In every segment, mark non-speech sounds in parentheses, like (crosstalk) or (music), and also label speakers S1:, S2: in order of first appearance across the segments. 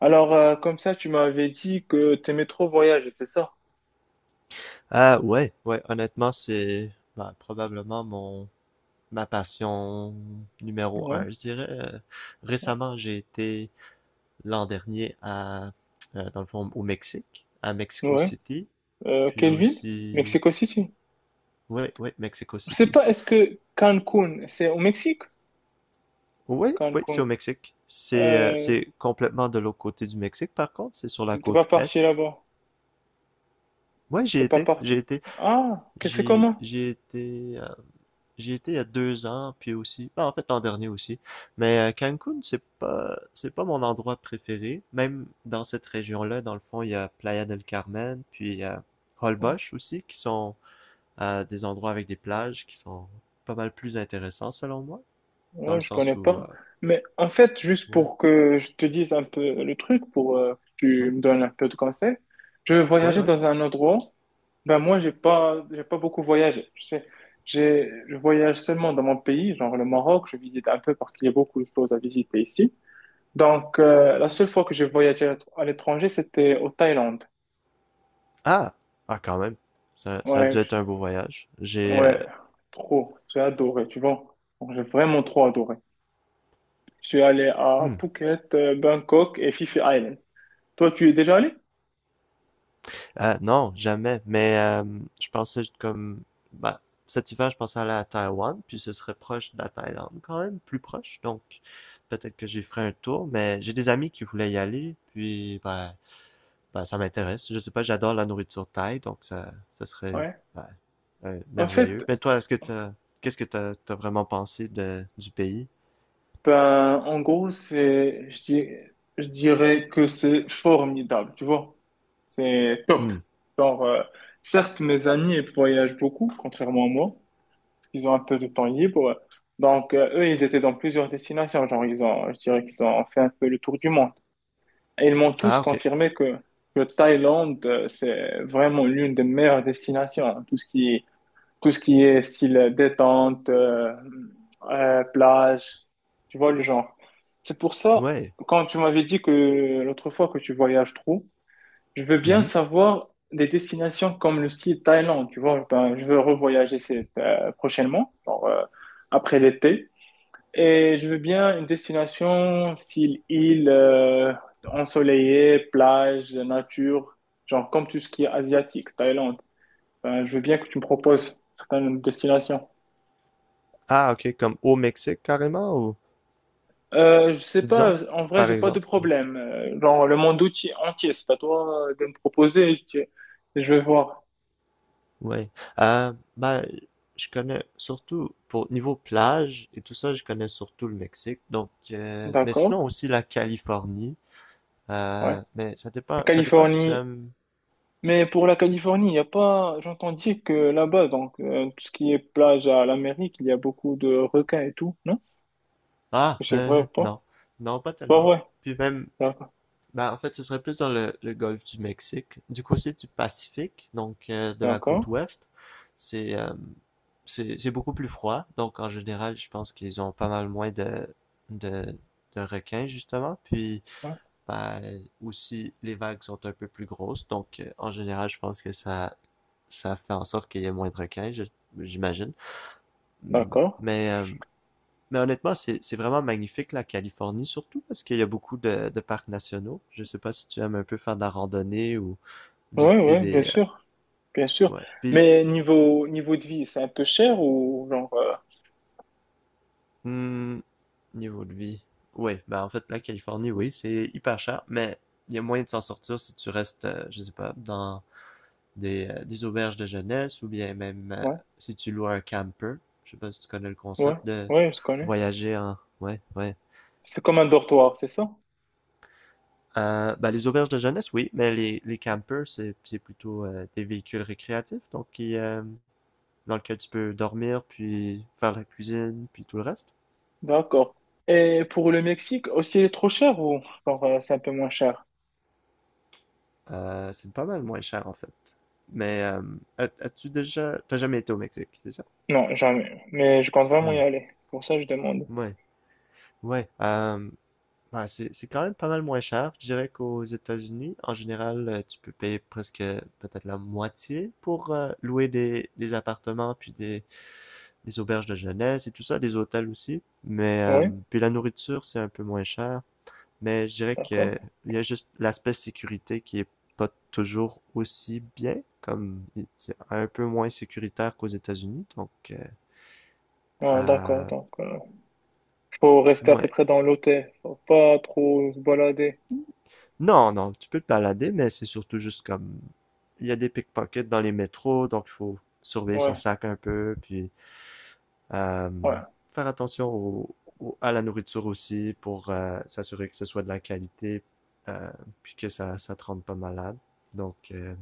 S1: Alors, comme ça, tu m'avais dit que t'aimais trop voyager, c'est ça?
S2: Ah ouais, ouais, honnêtement, c'est ben, probablement mon ma passion numéro
S1: Ouais,
S2: un, je dirais. Récemment, j'ai été l'an dernier à dans le fond au Mexique, à Mexico
S1: ouais.
S2: City, puis
S1: Quelle ville?
S2: aussi
S1: Mexico City.
S2: ouais, ouais, Mexico
S1: Je sais
S2: City.
S1: pas, est-ce que Cancun, c'est au Mexique?
S2: Oui, oui, c'est
S1: Cancun.
S2: au Mexique. C'est euh,
S1: Euh,
S2: c'est complètement de l'autre côté du Mexique, par contre, c'est sur la
S1: t'es pas
S2: côte
S1: parti
S2: est.
S1: là-bas.
S2: Ouais, j'y
S1: T'es pas
S2: étais, j'y
S1: parti.
S2: étais.
S1: Ah, que c'est
S2: j'ai
S1: comment?
S2: j'ai été euh, J'y étais il y a 2 ans, puis aussi, ben, en fait l'an dernier aussi. Mais Cancun, c'est pas mon endroit préféré. Même dans cette région-là, dans le fond, il y a Playa del Carmen, puis
S1: Ouais.
S2: Holbox aussi, qui sont des endroits avec des plages qui sont pas mal plus intéressants selon moi, dans le
S1: Ouais, je
S2: sens
S1: connais
S2: où,
S1: pas. Mais en fait, juste
S2: ouais,
S1: pour que je te dise un peu le truc, pour que tu
S2: ouais,
S1: me donnes un peu de conseils, je
S2: ouais,
S1: voyageais
S2: ouais.
S1: dans un endroit. Ben moi, j'ai pas beaucoup voyagé. Tu sais, je voyage seulement dans mon pays, genre le Maroc. Je visite un peu parce qu'il y a beaucoup de choses à visiter ici. Donc, la seule fois que j'ai voyagé à l'étranger, c'était au Thaïlande.
S2: Ah, ah, quand même, ça a dû
S1: Ouais, je-
S2: être un beau voyage. J'ai,
S1: ouais, trop. J'ai adoré, tu vois. J'ai vraiment trop adoré. Je suis allé à
S2: hmm.
S1: Phuket, Bangkok et Phi Phi Island. Toi, tu y es déjà allé?
S2: Non, jamais. Mais je pensais comme. Bah, cet hiver, je pensais aller à Taïwan, puis ce serait proche de la Thaïlande quand même, plus proche. Donc, peut-être que j'y ferai un tour, mais j'ai des amis qui voulaient y aller, puis ben, ça m'intéresse. Je sais pas, j'adore la nourriture thaï, donc ça serait
S1: Ouais.
S2: ben,
S1: En
S2: merveilleux.
S1: fait,
S2: Mais toi, qu'est-ce que t'as vraiment pensé du pays?
S1: ben, en gros, je dirais que c'est formidable, tu vois. C'est top.
S2: Hmm.
S1: Genre, certes, mes amis, ils voyagent beaucoup, contrairement à moi, parce qu'ils ont un peu de temps libre. Donc, eux, ils étaient dans plusieurs destinations. Genre, je dirais qu'ils ont fait un peu le tour du monde. Et ils m'ont tous
S2: Ah, OK.
S1: confirmé que Thaïlande, c'est vraiment l'une des meilleures destinations, hein. Tout ce qui est style détente, plage, tu vois le genre. C'est pour ça,
S2: Ouais.
S1: quand tu m'avais dit que l'autre fois que tu voyages trop, je veux bien
S2: Mhm.
S1: savoir des destinations comme le style Thaïlande, tu vois. Ben, je veux revoyager cette, prochainement, après l'été. Et je veux bien une destination style île, ensoleillée, plage, nature, genre comme tout ce qui est asiatique, Thaïlande. Ben, je veux bien que tu me proposes certaines destinations.
S2: Ah, OK. Comme au Mexique, carrément, ou
S1: Je sais
S2: disons,
S1: pas, en vrai,
S2: par
S1: j'ai pas de
S2: exemple.
S1: problème. Genre, le monde outil entier, c'est à toi de me proposer. Je vais voir.
S2: Ouais. Ben, je connais surtout pour niveau plage et tout ça, je connais surtout le Mexique. Donc, mais
S1: D'accord,
S2: sinon aussi la Californie.
S1: ouais.
S2: Mais ça
S1: La
S2: dépend, ça dépend si tu
S1: Californie.
S2: aimes.
S1: Mais pour la Californie, il y a pas. J'entends dire que là-bas, donc, tout ce qui est plage à l'Amérique, il y a beaucoup de requins et tout, non? Est-ce
S2: Ah,
S1: que
S2: (laughs)
S1: c'est vrai ou pas?
S2: non, non, pas
S1: C'est pas
S2: tellement.
S1: vrai.
S2: Puis même,
S1: D'accord,
S2: ben en fait, ce serait plus dans le golfe du Mexique, du côté du Pacifique, donc de la
S1: d'accord,
S2: côte ouest. C'est euh, c'est beaucoup plus froid. Donc en général, je pense qu'ils ont pas mal moins de de requins justement. Puis
S1: ouais,
S2: ben, aussi, les vagues sont un peu plus grosses. Donc, en général, je pense que ça fait en sorte qu'il y ait moins de requins, j'imagine.
S1: d'accord.
S2: Mais, euh, mais, honnêtement, c'est vraiment magnifique, la Californie, surtout parce qu'il y a beaucoup de parcs nationaux. Je sais pas si tu aimes un peu faire de la randonnée ou
S1: Ouais,
S2: visiter
S1: ouais, bien
S2: des.
S1: sûr, bien sûr.
S2: Ouais. Puis,
S1: Mais niveau de vie, c'est un peu cher ou genre,
S2: mmh, niveau de vie. Oui, ben en fait, la Californie, oui, c'est hyper cher, mais il y a moyen de s'en sortir si tu restes, je sais pas, dans des auberges de jeunesse ou bien même
S1: ouais,
S2: si tu loues un camper. Je sais pas si tu connais le
S1: ouais,
S2: concept de
S1: ouais, je connais.
S2: voyager en. Ouais, ouais.
S1: C'est comme un dortoir, c'est ça?
S2: Ben, les auberges de jeunesse, oui, mais les campers, c'est plutôt des véhicules récréatifs, donc qui, dans lequel tu peux dormir, puis faire la cuisine, puis tout le reste.
S1: D'accord. Et pour le Mexique, aussi, il est trop cher ou genre, c'est un peu moins cher?
S2: C'est pas mal moins cher en fait. Mais euh, T'as jamais été au Mexique, c'est ça?
S1: Non, jamais. Mais je compte vraiment y
S2: Hmm.
S1: aller. Pour ça, je demande.
S2: Ouais, ouais. Ouais, c'est quand même pas mal moins cher. Je dirais qu'aux États-Unis, en général, tu peux payer presque peut-être la moitié pour louer des appartements, puis des auberges de jeunesse et tout ça, des hôtels aussi.
S1: Oui,
S2: Puis la nourriture, c'est un peu moins cher. Mais je dirais
S1: d'accord.
S2: que il y a juste l'aspect sécurité qui est pas toujours aussi bien, comme c'est un peu moins sécuritaire qu'aux États-Unis. Donc,
S1: Ah, d'accord,
S2: euh,
S1: donc faut rester à peu
S2: ouais.
S1: près dans l'hôtel, faut pas trop se balader.
S2: Non, non, tu peux te balader, mais c'est surtout juste comme il y a des pickpockets dans les métros, donc il faut surveiller son
S1: Ouais,
S2: sac un peu, puis euh,
S1: ouais.
S2: faire attention à la nourriture aussi pour s'assurer que ce soit de la qualité, euh, puis que ça te rende pas malade. Donc,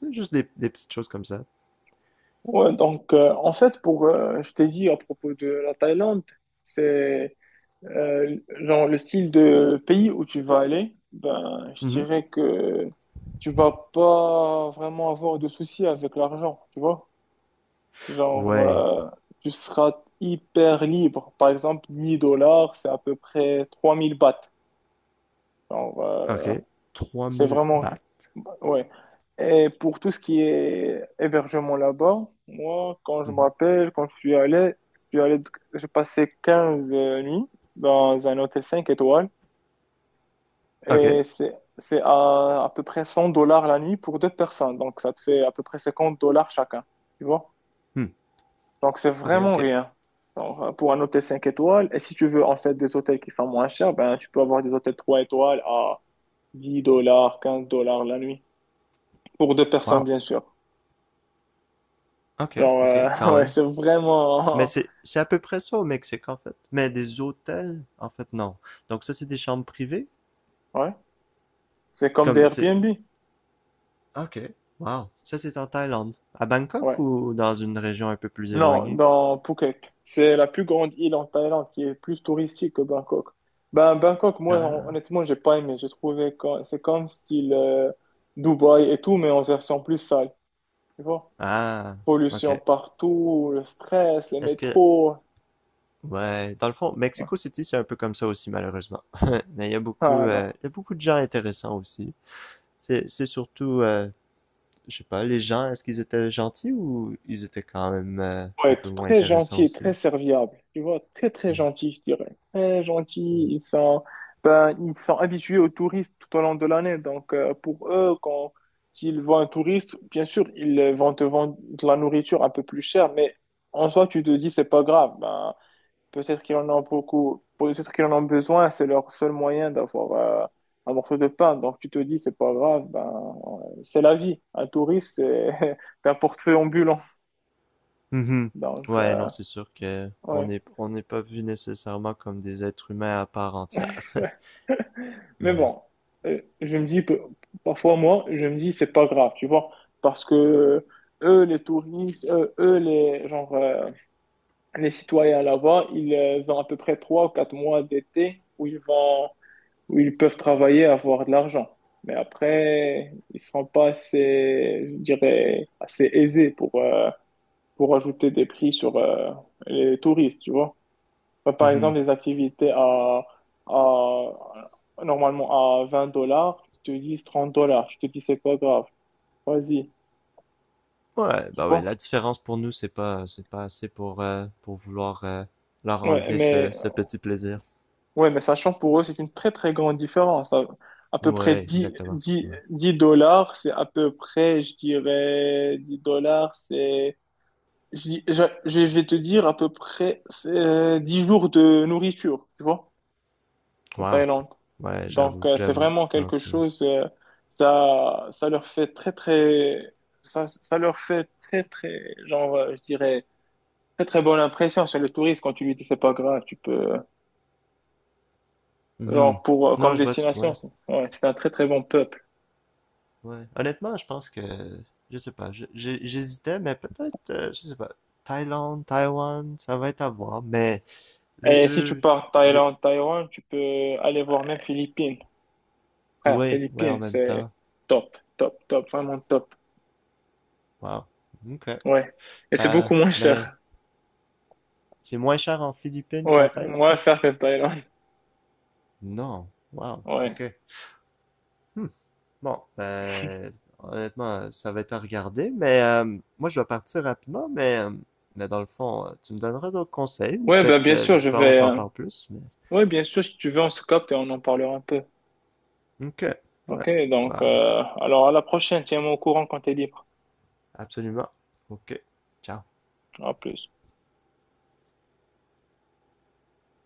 S2: c'est juste des petites choses comme ça.
S1: Ouais, donc en fait, pour, je t'ai dit à propos de la Thaïlande, c'est genre, le style de pays où tu vas aller, ben, je
S2: Mhm.
S1: dirais que tu vas pas vraiment avoir de soucis avec l'argent, tu vois. Genre,
S2: Ouais,
S1: tu seras hyper libre. Par exemple, 10 dollars, c'est à peu près 3 000 bahts. Genre,
S2: OK. trois
S1: c'est
S2: mille
S1: vraiment,
S2: bahts.
S1: ouais. Et pour tout ce qui est hébergement là-bas, moi, quand je me
S2: Mhm.
S1: rappelle, quand je suis allé, j'ai passé 15 nuits dans un hôtel 5 étoiles.
S2: OK.
S1: Et c'est à peu près 100 dollars la nuit pour deux personnes. Donc, ça te fait à peu près 50 dollars chacun. Tu vois?
S2: Hmm.
S1: Donc, c'est
S2: OK,
S1: vraiment
S2: OK.
S1: rien. Genre, pour un hôtel 5 étoiles. Et si tu veux, en fait, des hôtels qui sont moins chers, ben, tu peux avoir des hôtels 3 étoiles à 10 dollars, 15 dollars la nuit. Pour deux personnes,
S2: Wow.
S1: bien sûr.
S2: OK,
S1: Genre,
S2: OK,
S1: (laughs)
S2: quand
S1: ouais,
S2: même.
S1: c'est
S2: Mais
S1: vraiment,
S2: c'est à peu près ça au Mexique, en fait. Mais des hôtels, en fait, non. Donc ça, c'est des chambres privées?
S1: (laughs) ouais. C'est comme des
S2: Comme c'est.
S1: Airbnb.
S2: OK, wow. Ça, c'est en Thaïlande. À Bangkok
S1: Ouais.
S2: ou dans une région un peu plus
S1: Non,
S2: éloignée?
S1: dans Phuket. C'est la plus grande île en Thaïlande qui est plus touristique que Bangkok. Ben, Bangkok, moi,
S2: Ah,
S1: honnêtement, j'ai pas aimé. J'ai trouvé que c'est comme style Dubaï et tout, mais en version plus sale. Tu vois?
S2: ah, OK.
S1: Pollution partout, le stress, les
S2: Est-ce que.
S1: métros.
S2: Ouais, dans le fond,
S1: Ouais.
S2: Mexico City, c'est un peu comme ça aussi, malheureusement. (laughs) Mais il y a beaucoup,
S1: Ah non.
S2: il y a beaucoup de gens intéressants aussi. C'est surtout, je sais pas, les gens, est-ce qu'ils étaient gentils ou ils étaient quand même
S1: Ouais,
S2: un peu
S1: être
S2: moins
S1: très
S2: intéressants
S1: gentil et
S2: aussi?
S1: très serviable. Tu vois, très très
S2: Mm.
S1: gentil, je dirais. Très gentil.
S2: Mm.
S1: Ils sont, ben, ils sont habitués aux touristes tout au long de l'année. Donc, pour eux, quand ils voient un touriste, bien sûr, ils vont te vendre de la nourriture un peu plus chère, mais en soi, tu te dis, c'est pas grave. Ben, peut-être qu'ils en ont beaucoup, peut-être qu'ils en ont besoin. C'est leur seul moyen d'avoir euh, un morceau de pain. Donc, tu te dis, c'est pas grave. Ben, c'est la vie. Un touriste, c'est (laughs) un portefeuille ambulant.
S2: Mhm.
S1: Donc,
S2: Ouais, non, c'est sûr que on
S1: ouais.
S2: n'est on n'est pas vu nécessairement comme des êtres humains à part entière.
S1: (laughs) Mais
S2: Ouais.
S1: bon, je me dis, que- parfois moi, je me dis, c'est pas grave, tu vois, parce que eux, les touristes, eux, les citoyens là-bas, ils ont à peu près trois ou quatre mois d'été où ils peuvent travailler, avoir de l'argent. Mais après, ils seront pas assez, je dirais, assez aisés pour ajouter des prix sur les touristes, tu vois. Bah, par
S2: Mhm.
S1: exemple, les activités à- normalement à 20 dollars, tu te dis 30 dollars. Je te dis, c'est pas grave. Vas-y.
S2: Ouais,
S1: Tu
S2: bah ouais, la
S1: vois?
S2: différence pour nous, c'est pas assez pour vouloir leur
S1: Ouais,
S2: enlever ce,
S1: mais,
S2: ce petit plaisir.
S1: ouais, mais sachant pour eux, c'est une très, très grande différence. À peu près
S2: Ouais, exactement.
S1: 10 dollars, c'est à peu près, je dirais, 10 dollars, c'est, je vais te dire à peu près, c'est 10 jours de nourriture. Tu vois? En
S2: Wow.
S1: Thaïlande.
S2: Ouais,
S1: Donc,
S2: j'avoue,
S1: c'est
S2: j'avoue.
S1: vraiment
S2: Non,
S1: quelque
S2: c'est.
S1: chose, ça, ça leur fait très, très, ça, ça leur fait très, très, je dirais, très, très bonne impression sur le touriste quand tu lui dis c'est pas grave, tu peux,
S2: Mhm. Non,
S1: comme
S2: je vois. Ouais.
S1: ouais, c'est un très, très bon peuple.
S2: Ouais. Honnêtement, je pense que, je sais pas, j'hésitais, mais peut-être, je sais pas, Thaïlande, Taïwan, ça va être à voir, mais les
S1: Et si tu
S2: deux,
S1: pars
S2: je-
S1: Thaïlande, Taïwan, tu peux aller voir même
S2: ouais,
S1: Philippines. Frère,
S2: ouais, ouais, en
S1: Philippines,
S2: même
S1: c'est
S2: temps.
S1: top, top, top, vraiment top.
S2: Wow. OK.
S1: Ouais. Et c'est
S2: Euh,
S1: beaucoup moins
S2: mais
S1: cher.
S2: c'est moins cher en Philippines qu'en
S1: Ouais,
S2: Thaïlande?
S1: moins cher que Thaïlande.
S2: Non. Wow.
S1: Ouais.
S2: OK. Hmm. Bon, ben, honnêtement, ça va être à regarder, mais moi, je vais partir rapidement, mais dans le fond, tu me donneras d'autres conseils, ou
S1: Ouais, ben,
S2: peut-être,
S1: bien
S2: je
S1: sûr,
S2: sais pas, on s'en parle plus, mais.
S1: oui, bien sûr, si tu veux, on se capte et on en parlera un peu.
S2: OK. Ouais.
S1: Ok, donc,
S2: Bah,
S1: alors à la prochaine, tiens-moi au courant quand t'es libre.
S2: absolument. OK. Ciao.
S1: À plus.